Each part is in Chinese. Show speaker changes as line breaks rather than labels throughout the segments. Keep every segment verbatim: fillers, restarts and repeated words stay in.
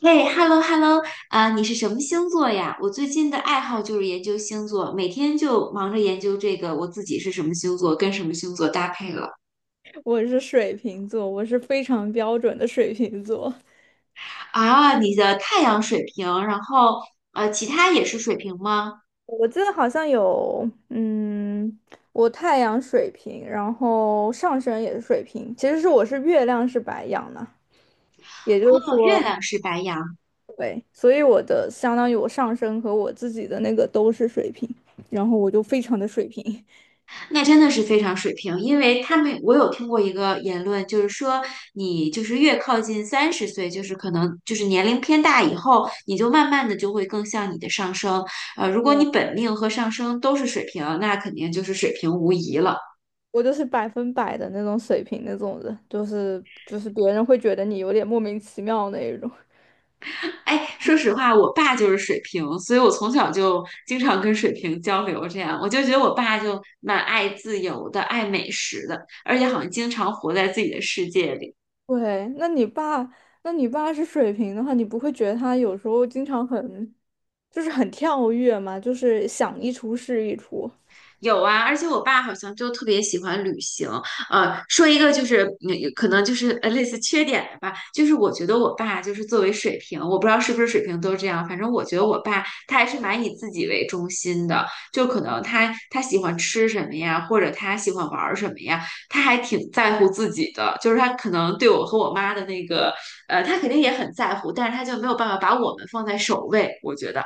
嘿，hello hello，啊，你是什么星座呀？我最近的爱好就是研究星座，每天就忙着研究这个我自己是什么星座，跟什么星座搭配了。
我是水瓶座，我是非常标准的水瓶座。
啊，你的太阳水瓶，然后呃，其他也是水瓶吗？
我记得好像有，嗯，我太阳水瓶，然后上升也是水瓶，其实是我是月亮是白羊呢，也就是
哦，月
说，
亮是白羊。
对，所以我的相当于我上升和我自己的那个都是水瓶，然后我就非常的水瓶。
那真的是非常水平，因为他们我有听过一个言论，就是说你就是越靠近三十岁，就是可能就是年龄偏大以后，你就慢慢的就会更像你的上升。呃，如果你本命和上升都是水平，那肯定就是水平无疑了。
我就是百分百的那种水瓶那种人，就是就是别人会觉得你有点莫名其妙那一种。
哎，说实话，我爸就是水平，所以我从小就经常跟水平交流，这样我就觉得我爸就蛮爱自由的，爱美食的，而且好像经常活在自己的世界里。
对，那你爸，那你爸是水瓶的话，你不会觉得他有时候经常很，就是很跳跃嘛，就是想一出是一出。
有啊，而且我爸好像就特别喜欢旅行。呃，说一个就是，嗯可能就是呃类似缺点的吧，就是我觉得我爸就是作为水平，我不知道是不是水平都这样，反正我觉得我爸他还是蛮以自己为中心的，就可能他他喜欢吃什么呀，或者他喜欢玩儿什么呀，他还挺在乎自己的，就是他可能对我和我妈的那个，呃，他肯定也很在乎，但是他就没有办法把我们放在首位，我觉得。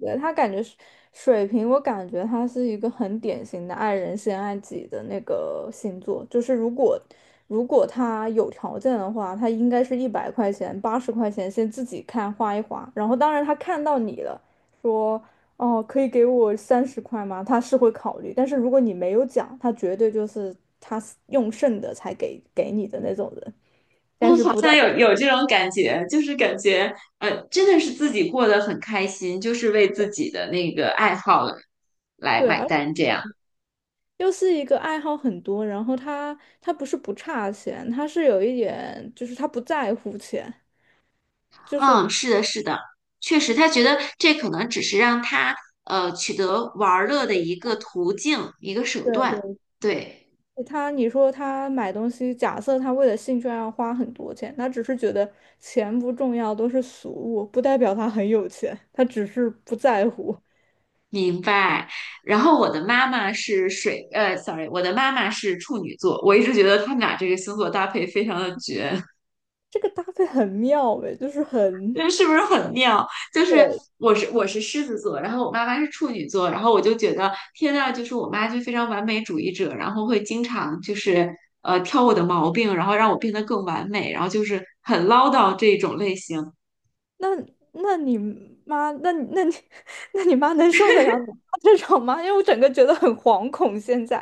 对，他感觉水水瓶，我感觉他是一个很典型的爱人先爱己的那个星座。就是如果如果他有条件的话，他应该是一百块钱、八十块钱先自己看花一花，然后当然他看到你了，说哦可以给我三十块吗？他是会考虑，但是如果你没有讲，他绝对就是他用剩的才给给你的那种人，但
嗯，
是
好
不代
像有
表。
有这种感觉，就是感觉，呃，真的是自己过得很开心，就是为自己的那个爱好来
对。
买
而
单这样。
又是一个爱好很多，然后他他不是不差钱，他是有一点就是他不在乎钱。就是
嗯，是的，是的，确实，他觉得这可能只是让他呃取得玩儿乐的一个途径，一个手段。
对
对，
对，他你说他买东西，假设他为了兴趣爱好花很多钱，他只是觉得钱不重要，都是俗物，不代表他很有钱，他只是不在乎。
明白。然后我的妈妈是水，呃，sorry，我的妈妈是处女座，我一直觉得他们俩这个星座搭配非常的绝。
这个搭配很妙诶，就是很。
这是不是很妙？就是
对，
我是我是狮子座，然后我妈妈是处女座，然后我就觉得天呐，就是我妈就非常完美主义者，然后会经常就是呃挑我的毛病，然后让我变得更完美，然后就是很唠叨这种类型。
那那你妈，那你那你 那你妈能受得了你妈这种吗？因为我整个觉得很惶恐现在。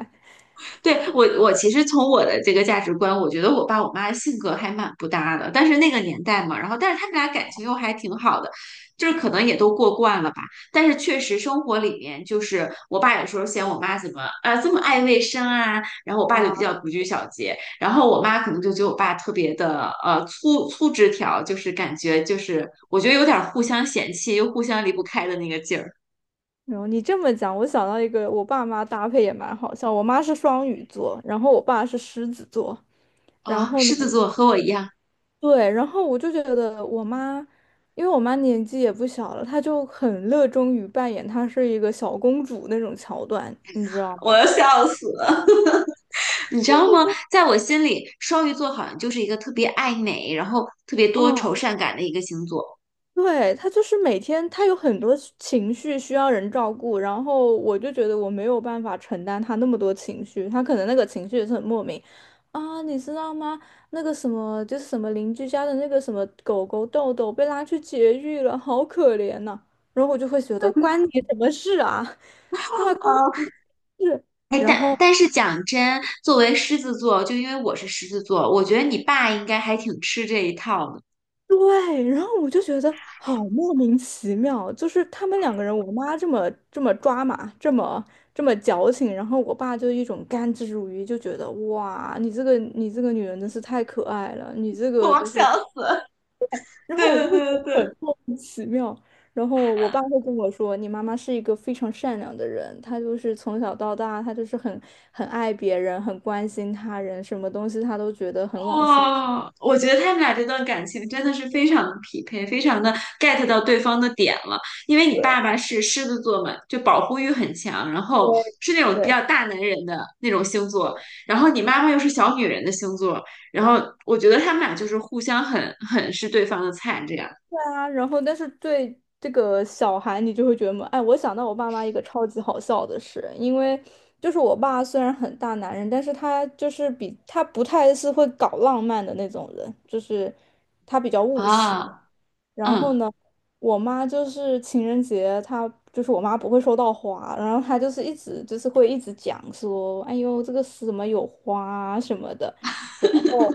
对，我，我其实从我的这个价值观，我觉得我爸我妈性格还蛮不搭的，但是那个年代嘛，然后但是他们俩感情又还挺好的，就是可能也都过惯了吧。但是确实生活里面，就是我爸有时候嫌我妈怎么啊这么爱卫生啊，然后我爸就比较不拘小节，然后我妈可能就觉得我爸特别的呃粗粗枝条，就是感觉就是我觉得有点互相嫌弃又互相离不开的那个劲儿
然后你这么讲，我想到一个，我爸妈搭配也蛮好笑。我妈是双鱼座，然后我爸是狮子座。然
啊。
后呢，
狮子座和我一样，
对，然后我就觉得我妈，因为我妈年纪也不小了，她就很热衷于扮演她是一个小公主那种桥段，你知道吗？
我要笑死了。你知道吗？在我心里，双鱼座好像就是一个特别爱美，然后特别
啊。
多愁善感的一个星座。
对，他就是每天他有很多情绪需要人照顾，然后我就觉得我没有办法承担他那么多情绪，他可能那个情绪也是很莫名啊，你知道吗？那个什么就是什么邻居家的那个什么狗狗豆豆被拉去绝育了，好可怜呐、然后我就会觉得关你什么事啊。对吧？关
哦，
你什么事？
哎，
然
但
后
但是讲真，作为狮子座，就因为我是狮子座，我觉得你爸应该还挺吃这一套的。
对，然后我就觉得好莫名其妙，就是他们两个人，我妈这么这么抓马，这么这么矫情，然后我爸就一种甘之如饴，就觉得哇，你这个你这个女人真是太可爱了，你这 个
我
就是，
笑死
然
对
后我
对
就会
对
觉
对
得
对。
很莫名其妙。然后我爸会跟我说，你妈妈是一个非常善良的人，她就是从小到大，她就是很很爱别人，很关心他人，什么东西她都觉得很往心。
哇，我觉得他们俩这段感情真的是非常的匹配，非常的 get 到对方的点了。因为你爸
对
爸是狮子座嘛，就保护欲很强，然后是那种比
对。
较大男人的那种星座，然后你妈妈又是小女人的星座，然后我觉得他们俩就是互相很很是对方的菜这样
啊，然后但是对这个小孩，你就会觉得，哎，我想到我爸妈一个超级好笑的事，因为就是我爸虽然很大男人，但是他就是比他不太是会搞浪漫的那种人，就是他比较务实。
啊，
然后
嗯，
呢，我妈就是情人节，她就是我妈不会收到花，然后她就是一直就是会一直讲说，哎呦，这个是什么有花啊什么的。然后，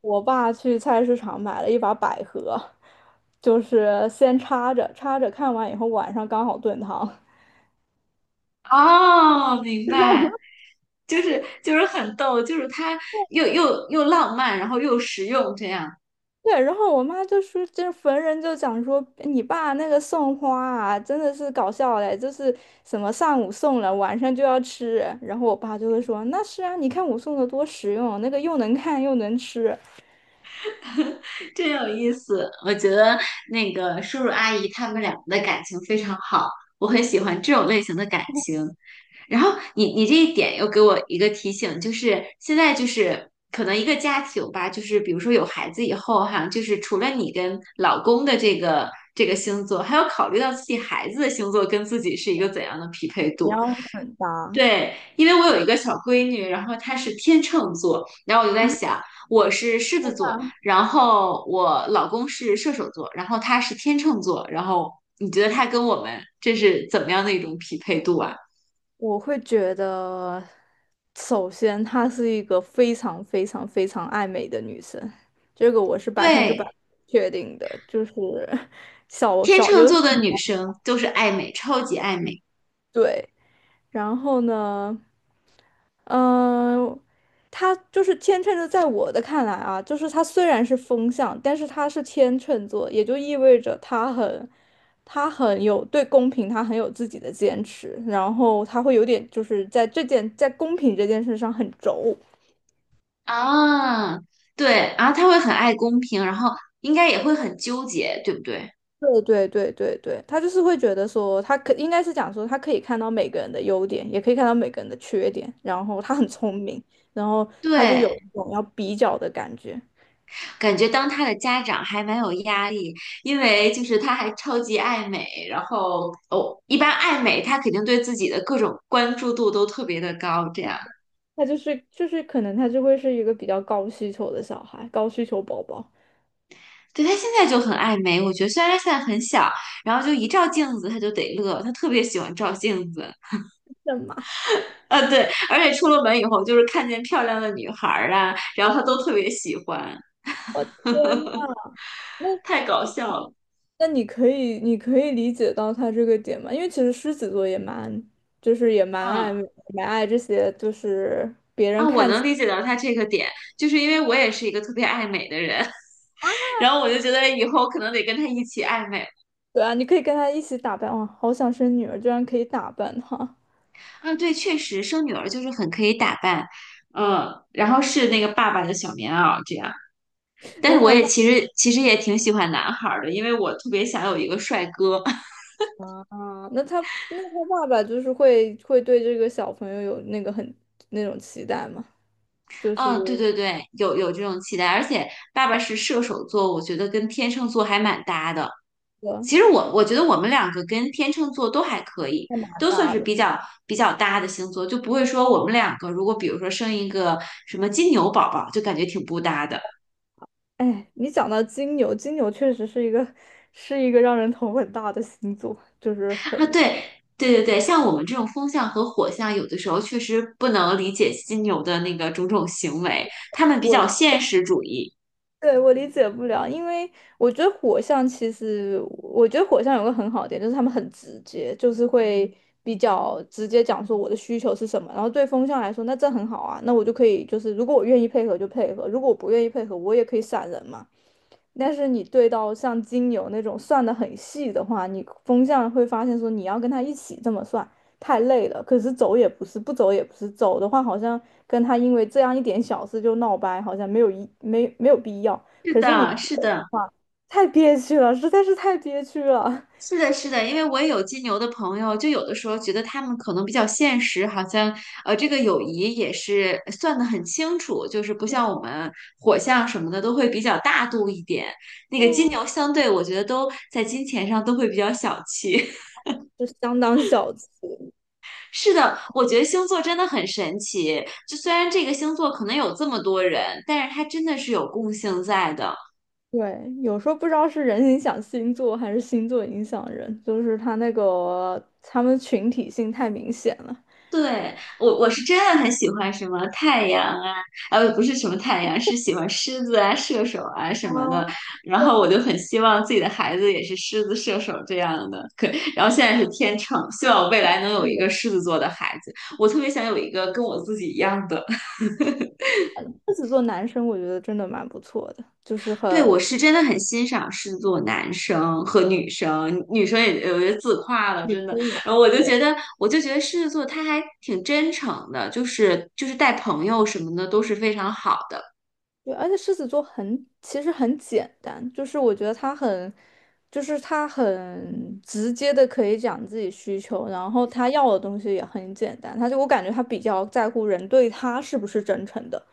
我爸去菜市场买了一把百合，就是先插着，插着看完以后晚上刚好炖汤。
哦，明白，就是就是很逗，就是他又又又浪漫，然后又实用这样。
对，然后我妈就说，就是逢人就讲说，哎你爸那个送花啊，真的是搞笑嘞，就是什么上午送了，晚上就要吃。然后我爸就会说，那是啊，你看我送的多实用，那个又能看又能吃。
真有意思，我觉得那个叔叔阿姨他们两个的感情非常好，我很喜欢这种类型的感情。然后你你这一点又给我一个提醒，就是现在就是可能一个家庭吧，就是比如说有孩子以后哈，就是除了你跟老公的这个这个星座，还要考虑到自己孩子的星座跟自己是一个怎样的匹配
你
度。
要很搭。
对，因为我有一个小闺女，然后她是天秤座，然后我就在想，我是狮子座，然后我老公是射手座，然后他是天秤座，然后你觉得他跟我们这是怎么样的一种匹配度啊？
我会觉得，首先她是一个非常非常非常爱美的女生，这个我是百分之百
对，
确定的，就是小
天
小
秤
有。
座的女生就是爱美，超级爱美
对。然后呢，嗯、他就是天秤座，在我的看来啊，就是他虽然是风象，但是他是天秤座，也就意味着他很，他很有对公平，他很有自己的坚持，然后他会有点就是在这件在公平这件事上很轴。
啊，对，然后她会很爱公平，然后应该也会很纠结，对不对？
对对对对对，他就是会觉得说，他可应该是讲说，他可以看到每个人的优点，也可以看到每个人的缺点，然后他很聪明，然后他就有
对，
一种要比较的感觉。
感觉当他的家长还蛮有压力，因为就是他还超级爱美，然后哦，一般爱美他肯定对自己的各种关注度都特别的高，这样。
他就是就是可能他就会是一个比较高需求的小孩，高需求宝宝。
对，他现在就很爱美，我觉得虽然他现在很小，然后就一照镜子他就得乐，他特别喜欢照镜子。
什么？
呃，对，而且出了门以后就是看见漂亮的女孩儿啊，然后他都特别喜欢，
我天呐，那
太搞笑了。
那你可以你可以理解到他这个点吗？因为其实狮子座也蛮就是也蛮
嗯
爱蛮爱这些就是。
啊，我能理解到他这个点，就是因为我也是一个特别爱美的人。然后我就觉得以后可能得跟他一起暧昧。
对啊，你可以跟他一起打扮。哇，好想生女儿，居然可以打扮她。
嗯，对，确实生女儿就是很可以打扮，嗯，然后是那个爸爸的小棉袄这样。但
那
是我
他
也
爸
其实其实也挺喜欢男孩儿的，因为我特别想有一个帅哥。
啊，那他那他爸爸就是会会对这个小朋友有那个很那种期待吗？就是一
嗯，对对对，有有这种期待，而且爸爸是射手座，我觉得跟天秤座还蛮搭的。
个
其实我我觉得我们两个跟天秤座都还可以，
还蛮
都算
大
是
的。
比较比较搭的星座，就不会说我们两个如果比如说生一个什么金牛宝宝，就感觉挺不搭的
哎，你讲到金牛，金牛确实是一个是一个让人头很大的星座，就是
啊。
很。
对对对对，像我们这种风象和火象，有的时候确实不能理解金牛的那个种种行为，他们比较
我
现实主义。
对我理解不了，因为我觉得火象其实，我觉得火象有个很好的点，就是他们很直接，就是会比较直接讲说我的需求是什么，然后对风象来说，那这很好啊，那我就可以就是如果我愿意配合就配合，如果我不愿意配合，我也可以闪人嘛。但是你对到像金牛那种算的很细的话，你风向会发现说你要跟他一起这么算，太累了。可是走也不是，不走也不是，走的话好像跟他因为这样一点小事就闹掰，好像没有一没没有必要。
是
可是你不
的，是
走的
的。
话，太憋屈了，实在是太憋屈了。
是的，是的，因为我也有金牛的朋友，就有的时候觉得他们可能比较现实，好像呃，这个友谊也是呃算得很清楚，就是不像我们火象什么的都会比较大度一点。那个金牛相对，我觉得都在金钱上都会比较小气。
就相当小气。
是的，我觉得星座真的很神奇，就虽然这个星座可能有这么多人，但是它真的是有共性在的。
对，有时候不知道是人影响星座还是星座影响人，就是他那个他们群体性太明显了。
对，我我是真的很喜欢什么太阳啊，呃，不是什么太阳，是喜欢狮子啊、射手啊什
啊，
么的。然
对
后
啊，
我就很希望自己的孩子也是狮子、射手这样的。可，然后现在是天秤，希望我未来能有一个
嗯
狮子座的孩子。我特别想有一个跟我自己一样的。
狮子座男生我觉得真的蛮不错的，就是
对，
很。
我是真的很欣赏狮子座男生和女生，女生也有些自夸了，
女
真的。
生也是。
然后我就
对，
觉得，我就觉得狮子座他还挺真诚的，就是就是带朋友什么的都是非常好的。
对而且狮子座很其实很简单，就是我觉得他很就是他很直接的可以讲自己需求，然后他要的东西也很简单，他就我感觉他比较在乎人对他是不是真诚的，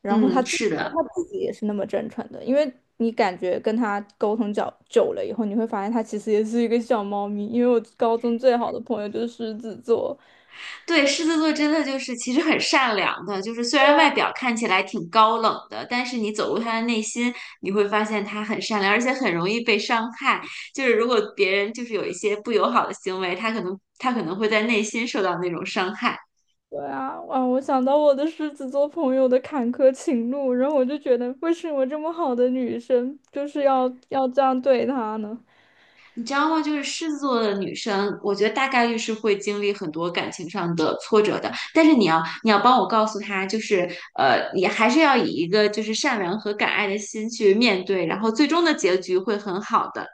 然后他
嗯，
自己
是
因为
的，
他自己也是那么真诚的，因为你感觉跟他沟通较久了以后，你会发现他其实也是一个小猫咪，因为我高中最好的朋友就是狮子座。
对，狮子座真的就是其实很善良的，就是虽
对
然外
啊。
表看起来挺高冷的，但是你走入他的内心，你会发现他很善良，而且很容易被伤害。就是如果别人就是有一些不友好的行为，他可能他可能会在内心受到那种伤害。
对啊，哇！我想到我的狮子座朋友的坎坷情路，然后我就觉得，为什么这么好的女生就是要要这样对她呢？
你知道吗？就是狮子座的女生，我觉得大概率是会经历很多感情上的挫折的。但是你要，你要帮我告诉她，就是呃，你还是要以一个就是善良和敢爱的心去面对，然后最终的结局会很好的。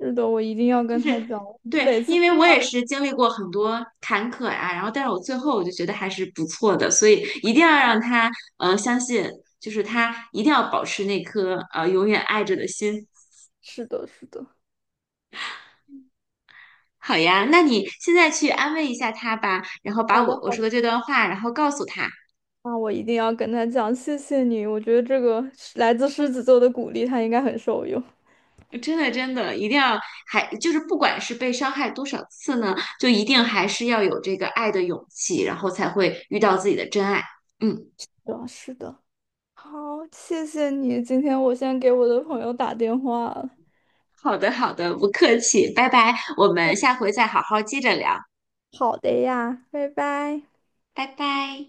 是的，我一定要
就
跟她
是
讲。
对，
每次
因为我也是经历过很多坎坷呀、然后但是我最后我就觉得还是不错的，所以一定要让她呃相信，就是她一定要保持那颗呃永远爱着的心。
是的，是的，
好呀，那你现在去安慰一下他吧，然后把
好的，
我我
好
说
的，
的这段话，然后告诉他。
那我一定要跟她讲，谢谢你。我觉得这个是来自狮子座的鼓励，她应该很受用。
真的，真的，一定要还就是不管是被伤害多少次呢，就一定还是要有这个爱的勇气，然后才会遇到自己的真爱。嗯，
对啊是的，好，谢谢你。今天我先给我的朋友打电话了。
好的，好的，不客气，拜拜，我们下回再好好接着聊，
好的呀，拜拜。
拜拜。